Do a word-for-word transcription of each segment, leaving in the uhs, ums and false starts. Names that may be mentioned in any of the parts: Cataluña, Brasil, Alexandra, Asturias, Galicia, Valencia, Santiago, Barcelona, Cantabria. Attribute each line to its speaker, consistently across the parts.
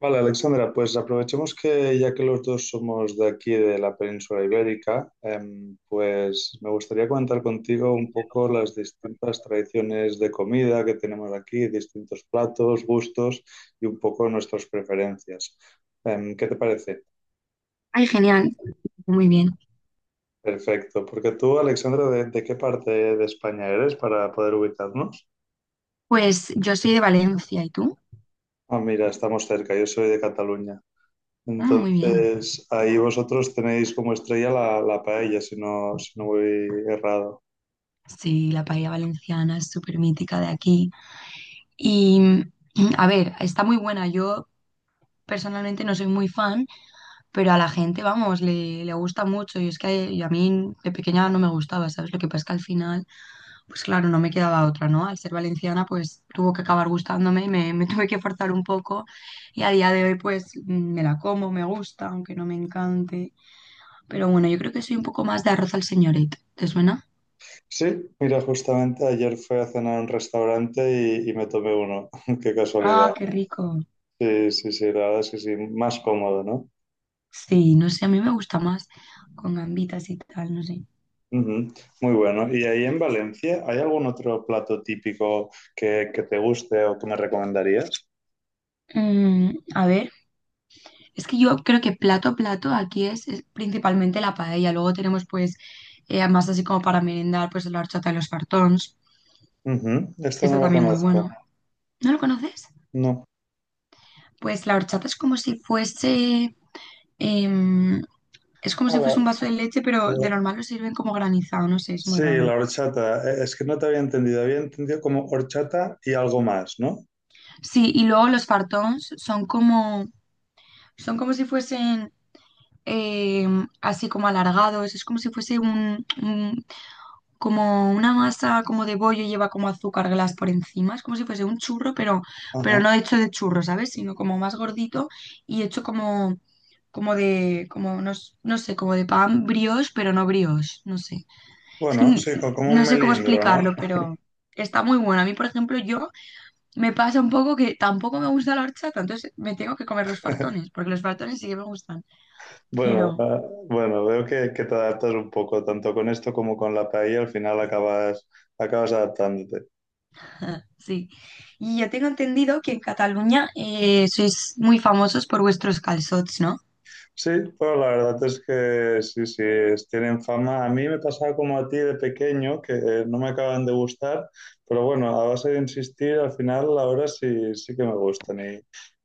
Speaker 1: Vale, Alexandra, pues aprovechemos que ya que los dos somos de aquí, de la península ibérica, em, pues me gustaría comentar contigo un poco las distintas tradiciones de comida que tenemos aquí, distintos platos, gustos y un poco nuestras preferencias. Em, ¿qué te parece?
Speaker 2: Ay, genial, muy bien.
Speaker 1: Perfecto, porque tú, Alexandra, ¿de, de qué parte de España eres para poder ubicarnos?
Speaker 2: Pues yo soy de Valencia, ¿y tú?
Speaker 1: Ah, mira, estamos cerca, yo soy de Cataluña.
Speaker 2: Ah, muy bien.
Speaker 1: Entonces, ahí vosotros tenéis como estrella la, la paella, si no, si no voy errado.
Speaker 2: Sí, la paella valenciana es súper mítica de aquí. Y a ver, está muy buena. Yo personalmente no soy muy fan, pero a la gente, vamos, le, le gusta mucho. Y es que y a mí de pequeña no me gustaba, ¿sabes? Lo que pasa es que al final, pues claro, no me quedaba otra, ¿no? Al ser valenciana, pues tuvo que acabar gustándome y me, me tuve que forzar un poco. Y a día de hoy, pues mm, me la como, me gusta, aunque no me encante. Pero bueno, yo creo que soy un poco más de arroz al señorito. ¿Te suena?
Speaker 1: Sí, mira, justamente ayer fui a cenar a un restaurante y, y me tomé uno. Qué
Speaker 2: Ah,
Speaker 1: casualidad.
Speaker 2: qué rico.
Speaker 1: Sí, sí, sí, la verdad es que sí, más cómodo, ¿no?
Speaker 2: Sí, no sé, a mí me gusta más con gambitas y tal, no sé.
Speaker 1: Ujú, muy bueno. ¿Y ahí en Valencia hay algún otro plato típico que, que te guste o que me recomendarías?
Speaker 2: Mm, a ver, es que yo creo que plato, plato aquí es, es principalmente la paella. Luego tenemos pues eh, más así como para merendar, pues la horchata y los fartons.
Speaker 1: Ujú, este
Speaker 2: Esto
Speaker 1: no lo
Speaker 2: también muy
Speaker 1: conozco.
Speaker 2: bueno. ¿No lo conoces?
Speaker 1: No.
Speaker 2: Pues la horchata es como si fuese em, es como si
Speaker 1: Ah,
Speaker 2: fuese un vaso de leche, pero de
Speaker 1: la,
Speaker 2: normal lo sirven como granizado, no sé, es muy
Speaker 1: sí,
Speaker 2: raro.
Speaker 1: la horchata. Eh, Es que no te había entendido. Había entendido como horchata y algo más, ¿no?
Speaker 2: Sí, y luego los fartons son como, son como si fuesen eh, así como alargados, es como si fuese un, un- como una masa como de bollo y lleva como azúcar glas por encima, es como si fuese un churro, pero, pero
Speaker 1: Ajá.
Speaker 2: no hecho de churro, ¿sabes? Sino como más gordito y hecho como, como de, como no, s- no sé, como de pan brioche, pero no brioche, no sé. Es que
Speaker 1: Bueno,
Speaker 2: n-
Speaker 1: sí, co- como un
Speaker 2: no sé cómo
Speaker 1: melindro, ¿no?
Speaker 2: explicarlo, pero está muy bueno. A mí, por ejemplo, yo me pasa un poco que tampoco me gusta la horchata, entonces me tengo que comer los fartones, porque los fartones sí que me gustan,
Speaker 1: Bueno,
Speaker 2: pero
Speaker 1: ah, bueno, veo que, que te adaptas un poco, tanto con esto como con la paella, al final acabas, acabas adaptándote.
Speaker 2: sí. Y yo tengo entendido que en Cataluña eh, sois muy famosos por vuestros calçots, ¿no?
Speaker 1: Sí, pero la verdad es que sí, sí, es- tienen fama. A mí me pasaba como a ti de pequeño, que eh, no me acaban de gustar, pero bueno, a base de insistir, al final ahora sí, sí que me gustan. Y,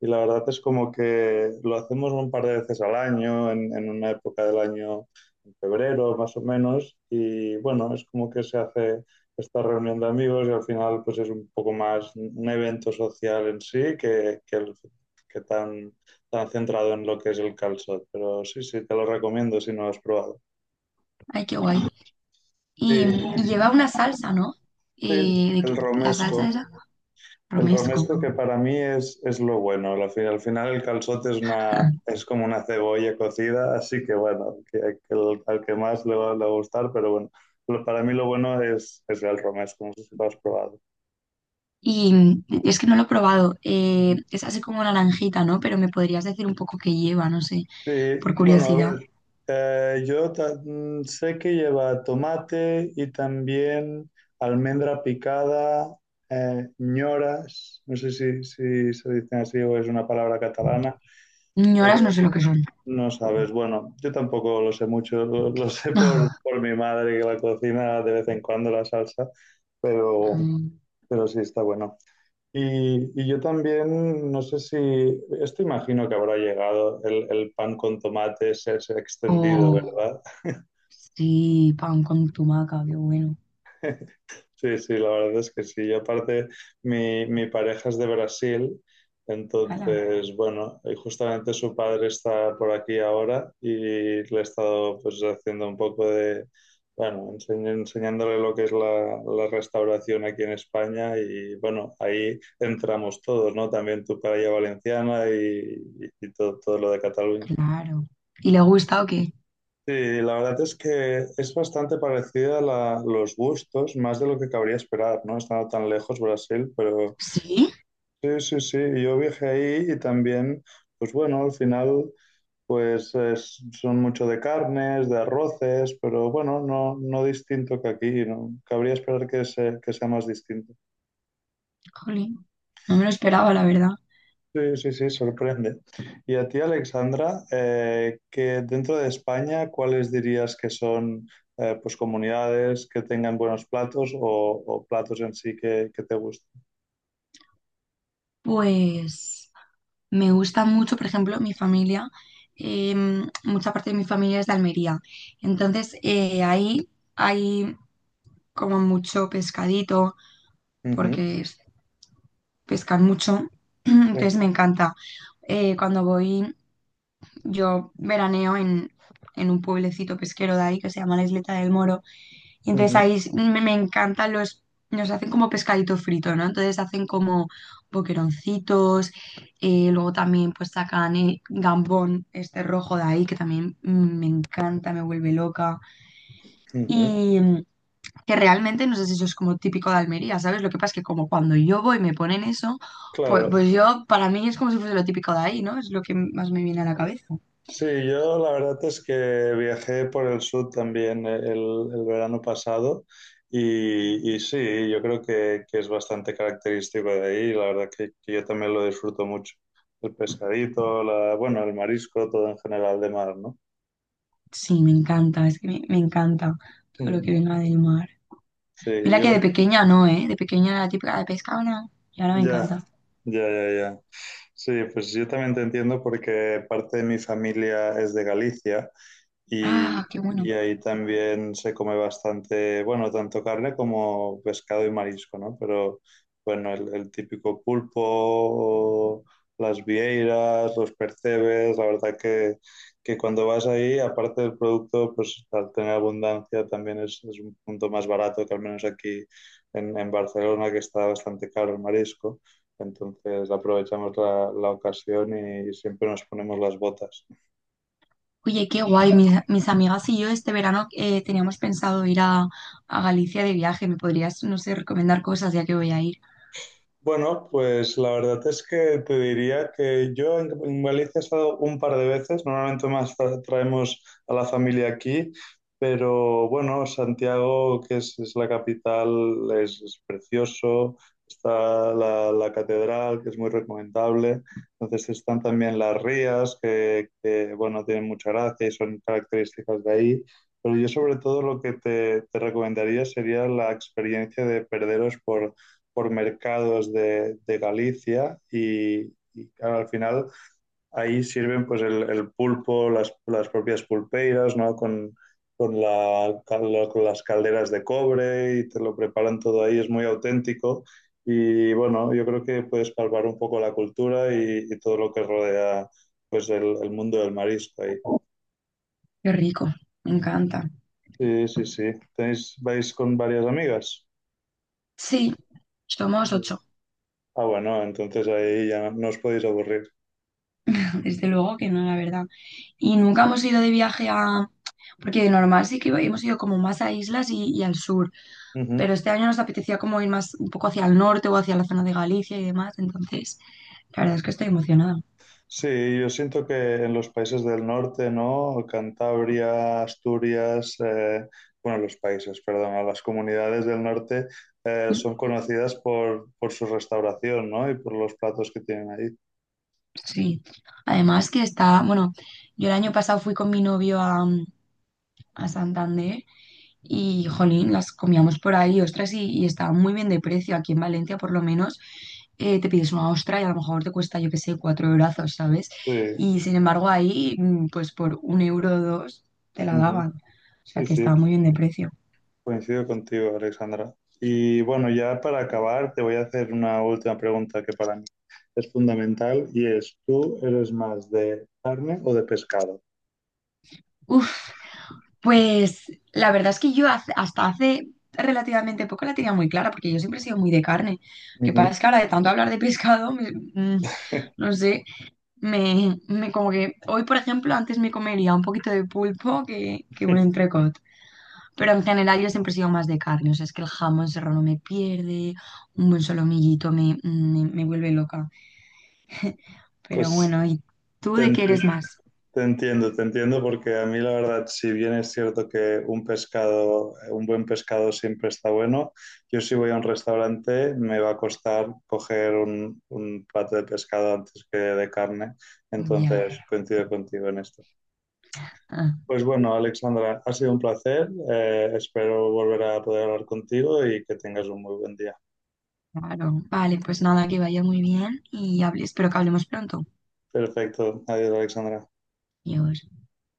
Speaker 1: Y la verdad es como que lo hacemos un par de veces al año, en, en una época del año, en febrero más o menos, y bueno, es como que se hace esta reunión de amigos y al final pues es un poco más un evento social en sí que, que el- que tan está centrado en lo que es el calçot, pero sí, sí, te lo recomiendo si no lo has probado.
Speaker 2: Ay, qué guay. Y,
Speaker 1: Sí,
Speaker 2: y lleva una salsa, ¿no?
Speaker 1: sí,
Speaker 2: Eh, ¿de qué?
Speaker 1: el
Speaker 2: La salsa
Speaker 1: romesco.
Speaker 2: era
Speaker 1: El
Speaker 2: romesco.
Speaker 1: romesco que para mí es, es lo bueno. Al final, al final el calçot es, una, es como una cebolla cocida, así que bueno, que, que el- al que más le va, le va a gustar, pero bueno, lo- para mí lo bueno es, es el romesco, no sé si lo has probado.
Speaker 2: Y es que no lo he probado. Eh, es así como naranjita, ¿no? Pero me podrías decir un poco qué lleva, no sé,
Speaker 1: Sí,
Speaker 2: por
Speaker 1: bueno, a
Speaker 2: curiosidad.
Speaker 1: ver, eh, yo ta- mm, sé que lleva tomate y también almendra picada, eh, ñoras, no sé si, si se dicen así o es una palabra catalana, pero
Speaker 2: Ñoras no sé lo que son.
Speaker 1: no sabes, bueno, yo tampoco lo sé mucho, lo, lo sé por, por mi madre que la cocina de vez en cuando la salsa, pero,
Speaker 2: Mm,
Speaker 1: pero sí está bueno. Y, y yo también, no sé si, esto imagino que habrá llegado el, el pan con tomate, se ha extendido,
Speaker 2: O...
Speaker 1: ¿verdad?
Speaker 2: Sí, pan con tumaca, qué bueno.
Speaker 1: Sí, sí, la verdad es que sí. Y aparte, mi, mi pareja es de Brasil,
Speaker 2: Hala,
Speaker 1: entonces, bueno, y justamente su padre está por aquí ahora y le he estado pues haciendo un poco de, bueno, enseñ- enseñándole lo que es la, la restauración aquí en España, y bueno, ahí entramos todos, ¿no? También tu paella valenciana y, y- y todo, todo lo de Cataluña.
Speaker 2: claro. ¿Y le ha gustado qué?
Speaker 1: Sí, la verdad es que es bastante parecida a la- los gustos, más de lo que cabría esperar, ¿no? Estando tan lejos Brasil, pero
Speaker 2: Sí,
Speaker 1: sí, sí, sí, yo viajé ahí y también, pues bueno, al final, pues es- son mucho de carnes, de arroces, pero bueno, no, no distinto que aquí, ¿no? Cabría esperar que, se- que sea más distinto.
Speaker 2: jolín. No me lo esperaba, la verdad.
Speaker 1: Sí, sí, sí, sorprende. Y a ti, Alexandra, eh, que dentro de España, ¿cuáles dirías que son eh, pues comunidades que tengan buenos platos o, o platos en sí que, que te gusten?
Speaker 2: Pues me gusta mucho, por ejemplo, mi familia. Em, mucha parte de mi familia es de Almería. Entonces, eh, ahí hay como mucho pescadito,
Speaker 1: Ujú,
Speaker 2: porque es- pescan mucho.
Speaker 1: sí.
Speaker 2: Entonces, me encanta. Eh, cuando voy, yo veraneo en, en un pueblecito pesquero de ahí que se llama la Isleta del Moro. Y entonces ahí
Speaker 1: Ujú,
Speaker 2: s- me, me encantan los, nos hacen como pescadito frito, ¿no? Entonces hacen como boqueroncitos, eh, luego también pues sacan eh, gambón este rojo de ahí, que también mm, me encanta, me vuelve loca.
Speaker 1: ujú.
Speaker 2: Y mm, que realmente, no sé si eso es como típico de Almería, ¿sabes? Lo que pasa es que como cuando yo voy me ponen eso, pues,
Speaker 1: Claro.
Speaker 2: pues yo, para mí es como si fuese lo típico de ahí, ¿no? Es lo que más me viene a la cabeza.
Speaker 1: Sí, yo la verdad es que viajé por el sur también el, el verano pasado y, y sí, yo creo que, que es bastante característico de ahí. La verdad que, que yo también lo disfruto mucho. El pescadito, la, bueno, el marisco, todo en general de mar, ¿no?
Speaker 2: Sí, me encanta, es que me, me encanta todo lo
Speaker 1: Mm,
Speaker 2: que venga del mar.
Speaker 1: sí,
Speaker 2: Mira que
Speaker 1: yo,
Speaker 2: de pequeña no, ¿eh? De pequeña era la típica de pescado, no. Y ahora me
Speaker 1: ya,
Speaker 2: encanta.
Speaker 1: ya, ya, ya. Sí, pues yo también te entiendo porque parte de mi familia es de Galicia. Y,
Speaker 2: Ah, qué bueno.
Speaker 1: y ahí también se come bastante, bueno, tanto carne como pescado y marisco, ¿no? Pero bueno, el, el típico pulpo, las vieiras, los percebes, la verdad que, que cuando vas ahí, aparte del producto, pues al tener abundancia también es, es un punto más barato que al menos aquí en, en Barcelona, que está bastante caro el marisco. Entonces aprovechamos la, la ocasión y siempre nos ponemos las botas.
Speaker 2: Oye, qué guay. Mis, mis amigas y yo este verano eh, teníamos pensado ir a, a Galicia de viaje. ¿Me podrías, no sé, recomendar cosas ya que voy a ir?
Speaker 1: Bueno, pues la verdad es que te diría que yo en, en Galicia he estado un par de veces, normalmente más tra- traemos a la familia aquí, pero bueno, Santiago, que es, es la capital, es, es precioso, está la, la catedral, que es muy recomendable, entonces están también las rías, que, que, bueno, tienen mucha gracia y son características de ahí, pero yo sobre todo lo que te, te recomendaría sería la experiencia de perderos por por mercados de, de Galicia y, y claro, al final ahí sirven pues el, el pulpo, las, las, propias pulpeiras, ¿no? Con, con, la, con, las calderas de cobre y te lo preparan todo ahí, es muy auténtico. Y bueno, yo creo que puedes palpar un poco la cultura y, y todo lo que rodea pues el, el, mundo del marisco ahí.
Speaker 2: Qué rico. Me encanta.
Speaker 1: Sí, sí, sí. ¿Tenéis, ¿Vais con varias amigas?
Speaker 2: Sí, somos ocho.
Speaker 1: Ah, bueno, entonces ahí ya no os podéis aburrir.
Speaker 2: Desde luego que no, la verdad. Y nunca hemos ido de viaje a... Porque de normal sí que hemos ido como más a islas y, y al sur,
Speaker 1: Uh
Speaker 2: pero
Speaker 1: -huh.
Speaker 2: este año nos apetecía como ir más un poco hacia el norte o hacia la zona de Galicia y demás, entonces la verdad es que estoy emocionada.
Speaker 1: Sí, yo siento que en los países del norte, ¿no? Cantabria, Asturias, eh, bueno, los países, perdón, las comunidades del norte eh,
Speaker 2: Mm,
Speaker 1: son conocidas por, por su restauración, ¿no? Y por los platos que tienen ahí.
Speaker 2: Sí, además que está, bueno, yo el año pasado fui con mi novio a, mm, a Santander. Y jolín, las comíamos por ahí, ostras, y, y estaban muy bien de precio. Aquí en Valencia, por lo menos, eh, te pides una ostra y a lo mejor te cuesta, yo qué sé, cuatro eurazos, ¿sabes?
Speaker 1: Sí,
Speaker 2: Y sin embargo, ahí, mm, pues por un euro o dos, te la
Speaker 1: ujú,
Speaker 2: daban. O sea,
Speaker 1: sí,
Speaker 2: que
Speaker 1: sí,
Speaker 2: estaba muy bien de precio.
Speaker 1: coincido contigo, Alexandra. Y bueno, ya para acabar, te voy a hacer una última pregunta que para mí es fundamental y es, ¿tú eres más de carne o de pescado?
Speaker 2: Uf, pues la verdad es que yo hace- hasta hace relativamente poco la tenía muy clara, porque yo siempre he sido muy de carne. Lo que
Speaker 1: Ujú.
Speaker 2: pasa es que ahora de tanto hablar de pescado, me- mm, no sé. Me, me como que hoy, por ejemplo, antes me comería un poquito de pulpo que, que un entrecot. Pero en general yo siempre he sido más de carne. O sea, es que el jamón serrano no me pierde, un buen solomillito me, me, me vuelve loca. Pero
Speaker 1: Pues
Speaker 2: bueno, ¿y tú
Speaker 1: te,
Speaker 2: de qué eres más?
Speaker 1: Te entiendo, te entiendo, porque a mí la verdad, si bien es cierto que un pescado, eh, un buen pescado siempre está bueno, yo si voy a un restaurante me va a costar coger un, un plato de pescado antes que de carne,
Speaker 2: Ya,
Speaker 1: entonces coincido contigo en esto.
Speaker 2: ah,
Speaker 1: Pues bueno, Alexandra, ha sido un placer, eh, espero volver a poder hablar contigo y que tengas un muy buen día.
Speaker 2: claro. Vale, pues nada, que vaya muy bien y hable, espero que hablemos pronto.
Speaker 1: Perfecto, adiós, Alexandra.
Speaker 2: Adiós.